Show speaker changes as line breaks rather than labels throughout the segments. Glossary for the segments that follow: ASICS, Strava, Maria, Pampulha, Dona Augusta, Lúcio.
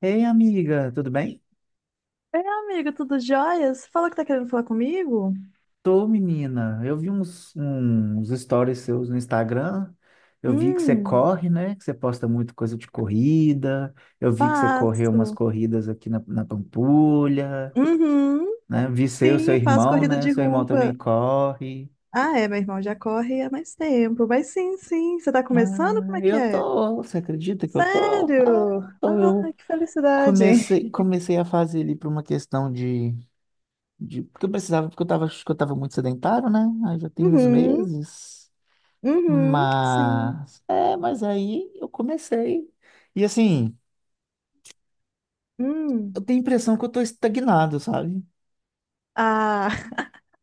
Ei, amiga, tudo bem?
É amigo, tudo jóia? Você falou que tá querendo falar comigo?
Tô, menina. Eu vi uns stories seus no Instagram. Eu vi que você
Hum,
corre, né? Que você posta muito coisa de corrida. Eu vi que você correu umas
faço.
corridas aqui na Pampulha,
Uhum,
né? Vi seu
sim, faço
irmão,
corrida
né?
de
Seu irmão
rua.
também corre.
Ah, é, meu irmão já corre há mais tempo. Mas sim, você tá começando? Como
Ah,
é que
eu
é?
tô. Você acredita que eu tô? Ah,
Sério?
eu tô.
Ah,
Eu
que felicidade.
comecei, comecei a fazer ali por uma questão de. Porque eu precisava, porque eu tava, acho que eu tava muito sedentário, né? Aí já tem uns
Uhum,
meses.
uhum, sim.
Mas, é, mas aí eu comecei. E assim, eu
Hum.
tenho a impressão que eu tô estagnado, sabe?
Ah,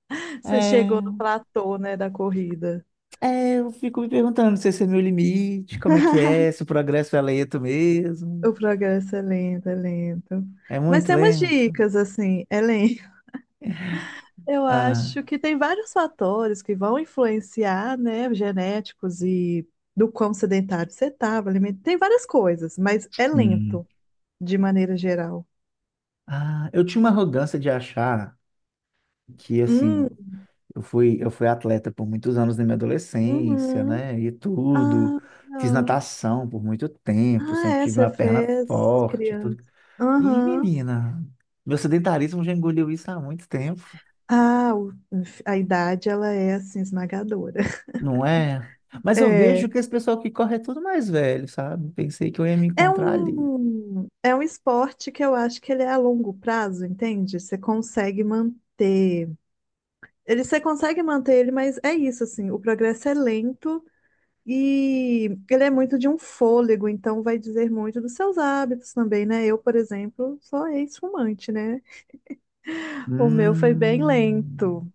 você chegou no
É,
platô, né, da corrida.
eu fico me perguntando se esse é meu limite, como é que é, se o progresso é lento mesmo.
O progresso é lento, é lento.
É
Mas
muito
tem umas
lento.
dicas, assim, é lento. Eu
Ah,
acho que tem vários fatores que vão influenciar, né, genéticos e do quão sedentário você estava, tem várias coisas, mas é
sim.
lento, de maneira geral.
Ah, eu tinha uma arrogância de achar que,
Hum,
assim, eu fui atleta por muitos anos na minha adolescência,
uhum.
né? E tudo.
Ah,
Fiz
não.
natação por muito tempo,
Ah,
sempre
é,
tive
você
uma perna
fez
forte, tudo.
criança.
Ih,
Aham.
menina, meu sedentarismo já engoliu isso há muito tempo,
Ah, o- a idade, ela é, assim, esmagadora.
não é? Mas eu
É,
vejo que esse pessoal que corre é tudo mais velho, sabe? Pensei que eu ia me
é
encontrar ali.
um, é um esporte que eu acho que ele é a longo prazo, entende? Você consegue manter. Ele você consegue manter ele, mas é isso, assim, o progresso é lento e ele é muito de um fôlego, então vai dizer muito dos seus hábitos também, né? Eu, por exemplo, sou ex-fumante, né? O meu foi bem
Hum,
lento.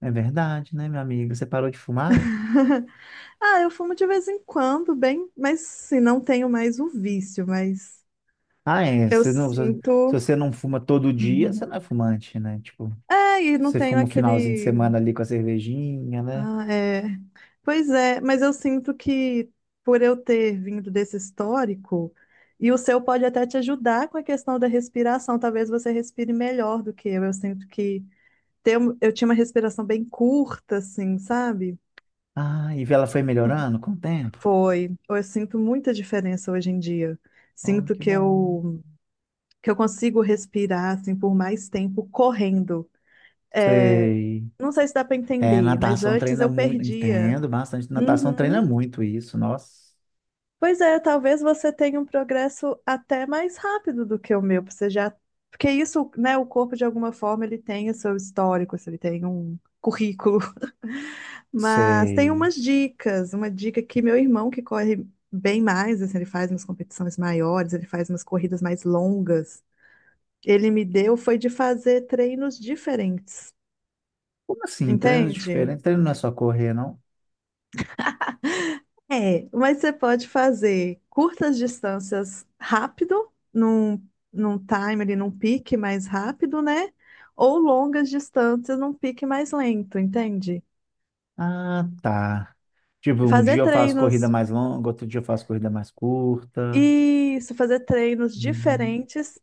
é verdade, né, meu amigo? Você parou de fumar?
Ah, eu fumo de vez em quando, bem, mas sim, não tenho mais o vício, mas
Ah, é.
eu
Você não, se
sinto.
você não fuma todo dia, você não é fumante, né? Tipo,
É, e não
você
tenho
fuma o finalzinho de
aquele.
semana ali com a cervejinha, né?
Ah, é. Pois é, mas eu sinto que por eu ter vindo desse histórico, e o seu pode até te ajudar com a questão da respiração, talvez você respire melhor do que eu. Eu sinto que ter um- eu tinha uma respiração bem curta, assim, sabe?
Ah, e ela foi melhorando com o tempo?
Foi. Eu sinto muita diferença hoje em dia.
Oh,
Sinto
que
que
bom.
que eu consigo respirar assim por mais tempo correndo. É,
Sei.
não sei se dá para
É,
entender, mas
natação
antes
treina
eu
muito,
perdia.
entendo bastante. Natação treina
Uhum.
muito isso, nossa.
Pois é, talvez você tenha um progresso até mais rápido do que o meu, porque você já. Porque isso, né, o corpo de alguma forma ele tem o seu histórico, assim, ele tem um currículo. Mas tem
Sei.
umas dicas, uma dica que meu irmão que corre bem mais, assim, ele faz umas competições maiores, ele faz umas corridas mais longas. Ele me deu foi de fazer treinos diferentes,
Como assim? Treinos
entende?
diferentes? Treino não é só correr, não?
É, mas você pode fazer curtas distâncias rápido, num timer e num pique mais rápido, né? Ou longas distâncias num pique mais lento, entende?
Ah, tá. Tipo, um
Fazer
dia eu faço corrida
treinos,
mais longa, outro dia eu faço corrida mais curta.
isso, fazer treinos
Uhum.
diferentes,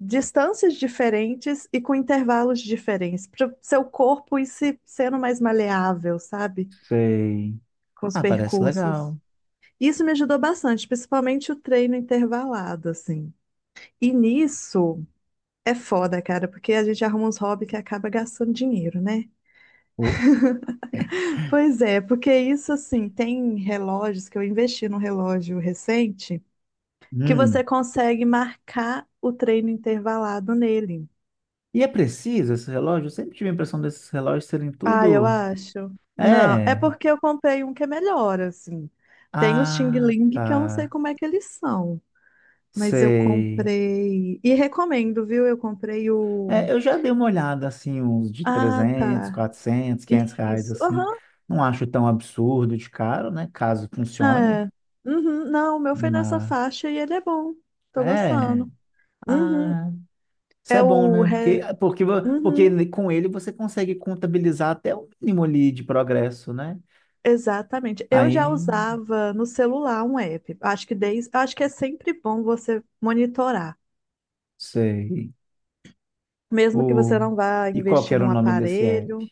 distâncias diferentes e com intervalos diferentes, para seu corpo ir se sendo mais maleável, sabe?
Sei.
Com os
Ah, parece
percursos.
legal.
Isso me ajudou bastante, principalmente o treino intervalado, assim. E nisso. É foda, cara, porque a gente arruma uns hobbies que acaba gastando dinheiro, né?
Oh.
Pois é, porque isso assim, tem relógios que eu investi num relógio recente que você
Hum.
consegue marcar o treino intervalado nele.
E é preciso esse relógio? Eu sempre tive a impressão desses relógios serem
Ah, eu
tudo.
acho. Não, é
É.
porque eu comprei um que é melhor, assim. Tem os Xing
Ah,
Ling que eu não sei
tá.
como é que eles são, mas eu
Sei.
comprei e recomendo, viu? Eu comprei o.
É, eu já dei uma olhada, assim, uns de
Ah, tá.
300, 400, 500 reais,
Isso.
assim.
Aham.
Não acho tão absurdo de caro, né? Caso funcione,
É. Uhum. Não, o meu foi nessa
mas...
faixa e ele é bom. Tô
É...
gostando. Uhum.
Ah, isso
É
é bom,
o.
né?
Re...
Porque, ah, porque,
Uhum.
porque com ele você consegue contabilizar até o mínimo ali de progresso, né?
Exatamente. Eu já
Aí,
usava no celular um app. Acho que desde... Acho que é sempre bom você monitorar.
sei.
Mesmo que você
O...
não vá
E qual que
investir
era o
num
nome desse app?
aparelho.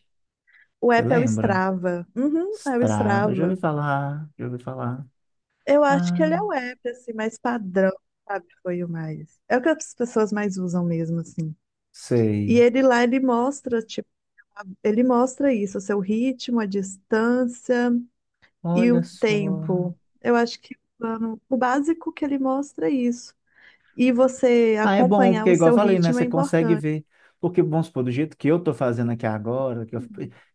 O
Você
app é o
lembra?
Strava. Uhum, é o
Strava, já ouvi
Strava.
falar, já ouvi falar.
Eu acho que
Ah,
ele é o app, assim, mais padrão, sabe? Foi o mais. É o que as pessoas mais usam mesmo, assim. E
sei.
ele lá, ele mostra. Ele mostra isso, o seu ritmo, a distância e
Olha
o
só.
tempo. Eu acho que o plano- o básico que ele mostra é isso. E você
Ah, é bom,
acompanhar
porque
o
igual eu
seu
falei, né?
ritmo é
Você consegue
importante.
ver. Porque, vamos supor, do jeito que eu tô fazendo aqui agora,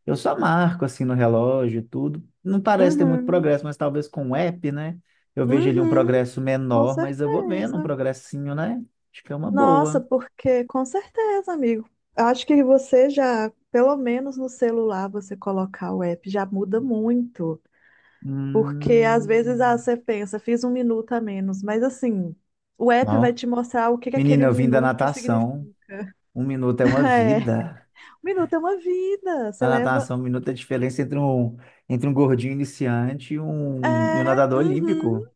eu só marco assim no relógio e tudo. Não parece ter muito
Uhum.
progresso, mas talvez com o app, né? Eu vejo ali um
Uhum.
progresso
Com
menor, mas eu vou vendo um
certeza.
progressinho, né? Acho que é uma
Nossa,
boa.
porque com certeza, amigo. Acho que você já, pelo menos no celular, você colocar o app já muda muito. Porque às vezes ah,
Hum...
você pensa, fiz um minuto a menos, mas assim, o app vai
Não.
te mostrar o que que aquele
Menina,
um
eu vim da
minuto
natação.
significa.
Um minuto é uma
É,
vida.
um minuto é uma vida, você
Na
leva.
natação, um minuto é a diferença entre um gordinho iniciante e um
É,
nadador
uhum.
olímpico.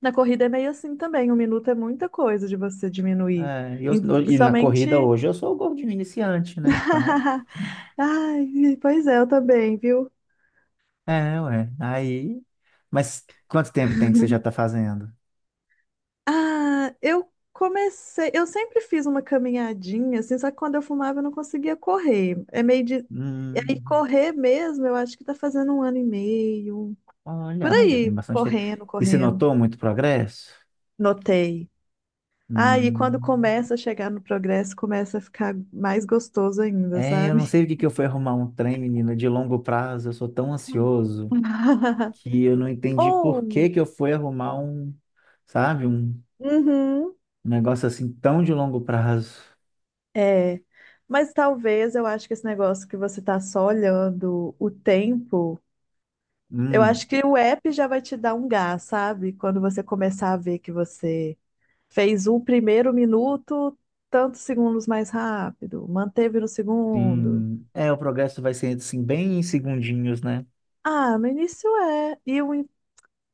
Na corrida é meio assim também, um minuto é muita coisa de você diminuir.
É, e eu,
E,
e na corrida
principalmente.
hoje eu sou o gordinho iniciante, né? Então,
Ai, pois é, eu também, viu?
é, ué. Aí, mas quanto tempo tem que você já está fazendo?
Ah, eu comecei. Eu sempre fiz uma caminhadinha, assim, só que quando eu fumava eu não conseguia correr. É meio de. E aí,
Hum,
correr mesmo, eu acho que tá fazendo um ano e meio.
olha,
Por
ah, já tem
aí,
bastante tempo.
correndo,
E você
correndo.
notou muito progresso?
Notei. Ah, e quando
Hum,
começa a chegar no progresso, começa a ficar mais gostoso ainda,
é, eu não
sabe?
sei o que que eu fui arrumar um trem, menina, de longo prazo. Eu sou tão
Hum.
ansioso que eu não entendi por
Ou,
que que eu fui arrumar um, sabe, um
uhum,
negócio assim tão de longo prazo.
é. Mas talvez eu acho que esse negócio que você tá só olhando o tempo. Eu
Hum,
acho que o app já vai te dar um gás, sabe? Quando você começar a ver que você fez o primeiro minuto, tantos segundos mais rápido, manteve no segundo.
sim. É, o progresso vai ser assim bem em segundinhos, né?
Ah, no início é. E, o in-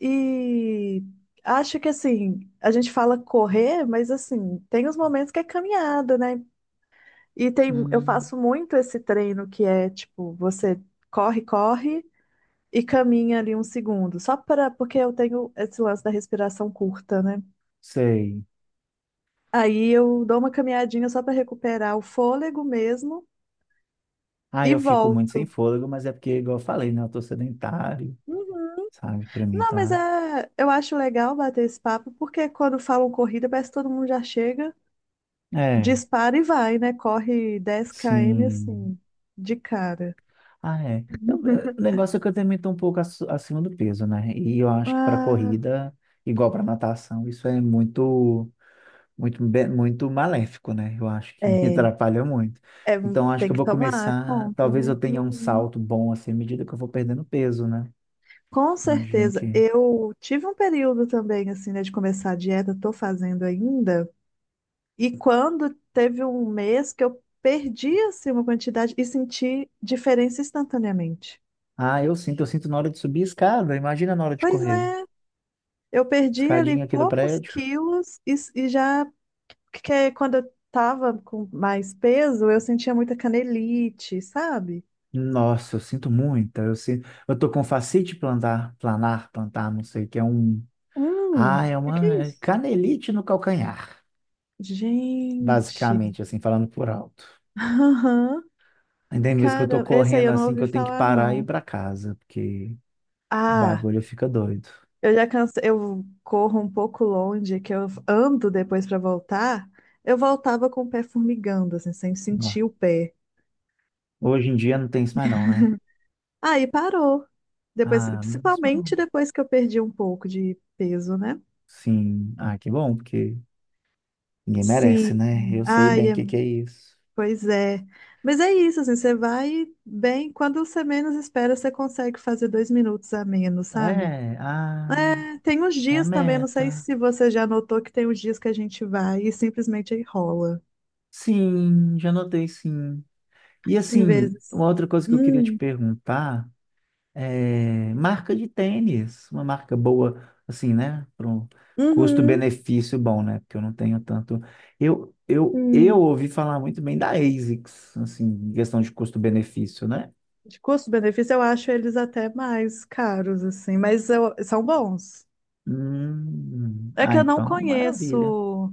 e acho que assim, a gente fala correr, mas assim, tem os momentos que é caminhada, né? E tem, eu
Hum,
faço muito esse treino que é tipo, você corre e caminha ali um segundo, só para porque eu tenho esse lance da respiração curta, né?
sei.
Aí eu dou uma caminhadinha só para recuperar o fôlego mesmo
Ah,
e
eu fico muito sem
volto.
fôlego, mas é porque, igual eu falei, né? Eu tô sedentário,
Uhum.
sabe? Pra mim
Não, mas
tá.
é, eu acho legal bater esse papo, porque quando falam corrida, parece que todo mundo já chega,
É,
dispara e vai, né? Corre 10 km
sim.
assim, de cara.
Ah, é. O negócio é que eu também tô um pouco acima do peso, né? E eu acho que pra
Ah,
corrida, igual pra natação, isso é muito, muito maléfico, né? Eu acho que
é,
atrapalha muito.
é,
Então, eu acho que
tem
eu
que
vou
tomar
começar.
conta,
Talvez
né?
eu tenha um
Uhum.
salto bom assim, à medida que eu vou perdendo peso, né?
Com
Imagino
certeza.
que
Eu tive um período também, assim, né, de começar a dieta, tô fazendo ainda. E quando teve um mês que eu perdi assim uma quantidade e senti diferença instantaneamente.
ah, eu sinto na hora de subir a escada, imagina na hora de
Pois
correr.
é, eu perdi ali
Escadinha aqui do
poucos
prédio.
quilos e, já que quando eu tava com mais peso, eu sentia muita canelite, sabe?
Nossa, eu sinto muita, eu sinto, eu tô com fascite plantar, não sei, que é um, ah, é
O que que
uma
é
é
isso?
canelite no calcanhar,
Gente.
basicamente, assim, falando por alto.
Aham.
Ainda tem vezes que eu tô
Cara, esse aí
correndo
eu não
assim, que
ouvi
eu tenho que
falar
parar e ir
não.
pra casa, porque o
Ah.
bagulho fica doido.
Eu já cansei, eu corro um pouco longe, que eu ando depois pra voltar. Eu voltava com o pé formigando, assim, sem
Ó,
sentir o pé.
hoje em dia não tem isso mais não, né?
Aí parou. Depois,
Ah, mas não.
principalmente depois que eu perdi um pouco de peso, né?
Sim, ah, que bom, porque ninguém
Sim.
merece, né? Eu sei
Ai,
bem o
é-
que que é isso.
pois é. Mas é isso, assim, você vai bem, quando você menos espera, você consegue fazer 2 minutos a menos, sabe?
É, ai,
É, tem uns
é a
dias também, não sei
meta.
se você já notou que tem uns dias que a gente vai e simplesmente aí rola.
Sim, já notei, sim. E
Tem
assim,
vezes.
uma outra coisa que eu queria te
Hum,
perguntar é marca de tênis, uma marca boa, assim, né? Para um
uhum,
custo-benefício bom, né? Porque eu não tenho tanto. Eu
hum.
ouvi falar muito bem da ASICS, assim, em questão de custo-benefício, né?
De custo-benefício, eu acho eles até mais caros, assim, mas eu- são bons. É
Ah,
que eu não
então, maravilha.
conheço.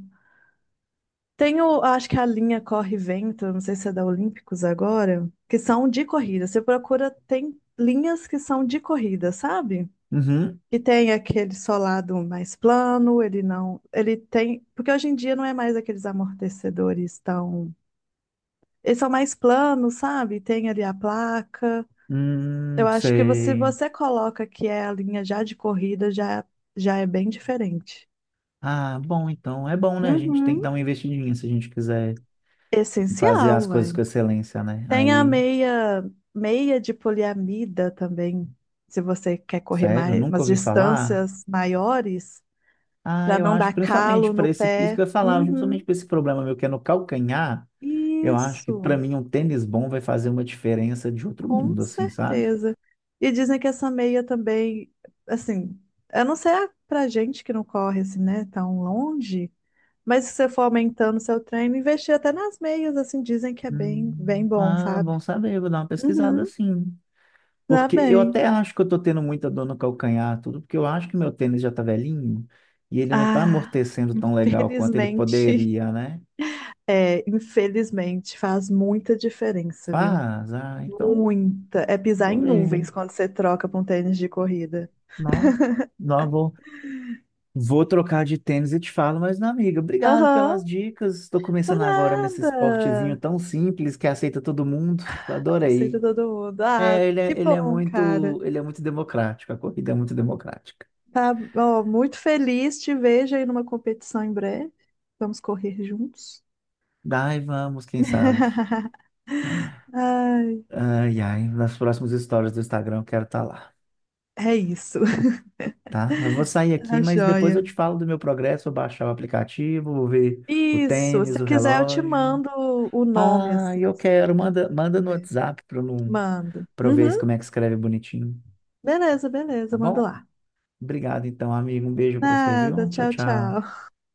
Tem o, acho que a linha Corre e Vento, não sei se é da Olímpicos agora, que são de corrida. Você procura, tem linhas que são de corrida, sabe?
Uhum,
Que tem aquele solado mais plano, ele não. Ele tem. Porque hoje em dia não é mais aqueles amortecedores tão. Eles são mais planos, sabe? Tem ali a placa. Eu acho que você, se
sei.
você coloca que é a linha já de corrida, já é bem diferente.
Ah, bom, então é bom, né? A gente tem que
Uhum.
dar uma investidinha se a gente quiser fazer as
Essencial,
coisas com
velho.
excelência, né?
Tem a
Aí,
meia, meia de poliamida também, se você quer correr
sério,
mais,
nunca
umas
ouvi falar?
distâncias maiores,
Ah,
para
eu
não
acho,
dar
principalmente
calo
para
no
esse, isso que
pé.
eu ia falar, justamente
Uhum.
para esse problema meu que é no calcanhar, eu acho que para
Isso,
mim um tênis bom vai fazer uma diferença de outro
com
mundo, assim, sabe?
certeza. E dizem que essa meia também, assim, eu não sei a- pra gente que não corre assim, né, tão longe. Mas se você for aumentando seu treino, investir até nas meias, assim, dizem que é bem bom,
Ah,
sabe?
bom saber, vou dar uma pesquisada
Uhum,
assim.
tá
Porque eu
bem.
até acho que eu tô tendo muita dor no calcanhar, tudo, porque eu acho que meu tênis já tá velhinho e ele não tá
Ah,
amortecendo tão legal quanto ele
felizmente,
poderia, né?
é, infelizmente, faz muita diferença, viu?
Faz, ah, então
Muita. É pisar
vou
em nuvens
ler.
quando você troca pra um tênis de corrida.
Não, não, vou trocar de tênis e te falo, mas não, amiga, obrigado
Aham,
pelas dicas. Estou
por
começando agora nesse esportezinho
nada.
tão simples que aceita todo mundo.
Aceita
Adorei.
todo mundo. Ah,
É,
que bom, cara.
ele é muito democrático, a corrida é muito democrática.
Tá, ó, muito feliz, te vejo aí numa competição em breve. Vamos correr juntos.
Daí vamos, quem sabe.
Ai.
Nas próximas histórias do Instagram eu quero estar lá,
É isso.
tá? Eu vou sair aqui,
Tá
mas depois eu
joia.
te falo do meu progresso, vou baixar o aplicativo, vou ver o
Isso.
tênis,
Se
o
quiser, eu te
relógio.
mando o nome
Ah,
assim
eu quero.
escrito.
Manda no WhatsApp para eu,
Mando.
pra eu ver
Uhum.
como é que escreve bonitinho.
Beleza,
Tá
beleza. Mando
bom?
lá.
Obrigado, então, amigo. Um beijo para você,
Nada.
viu? Tchau,
Tchau,
tchau.
tchau.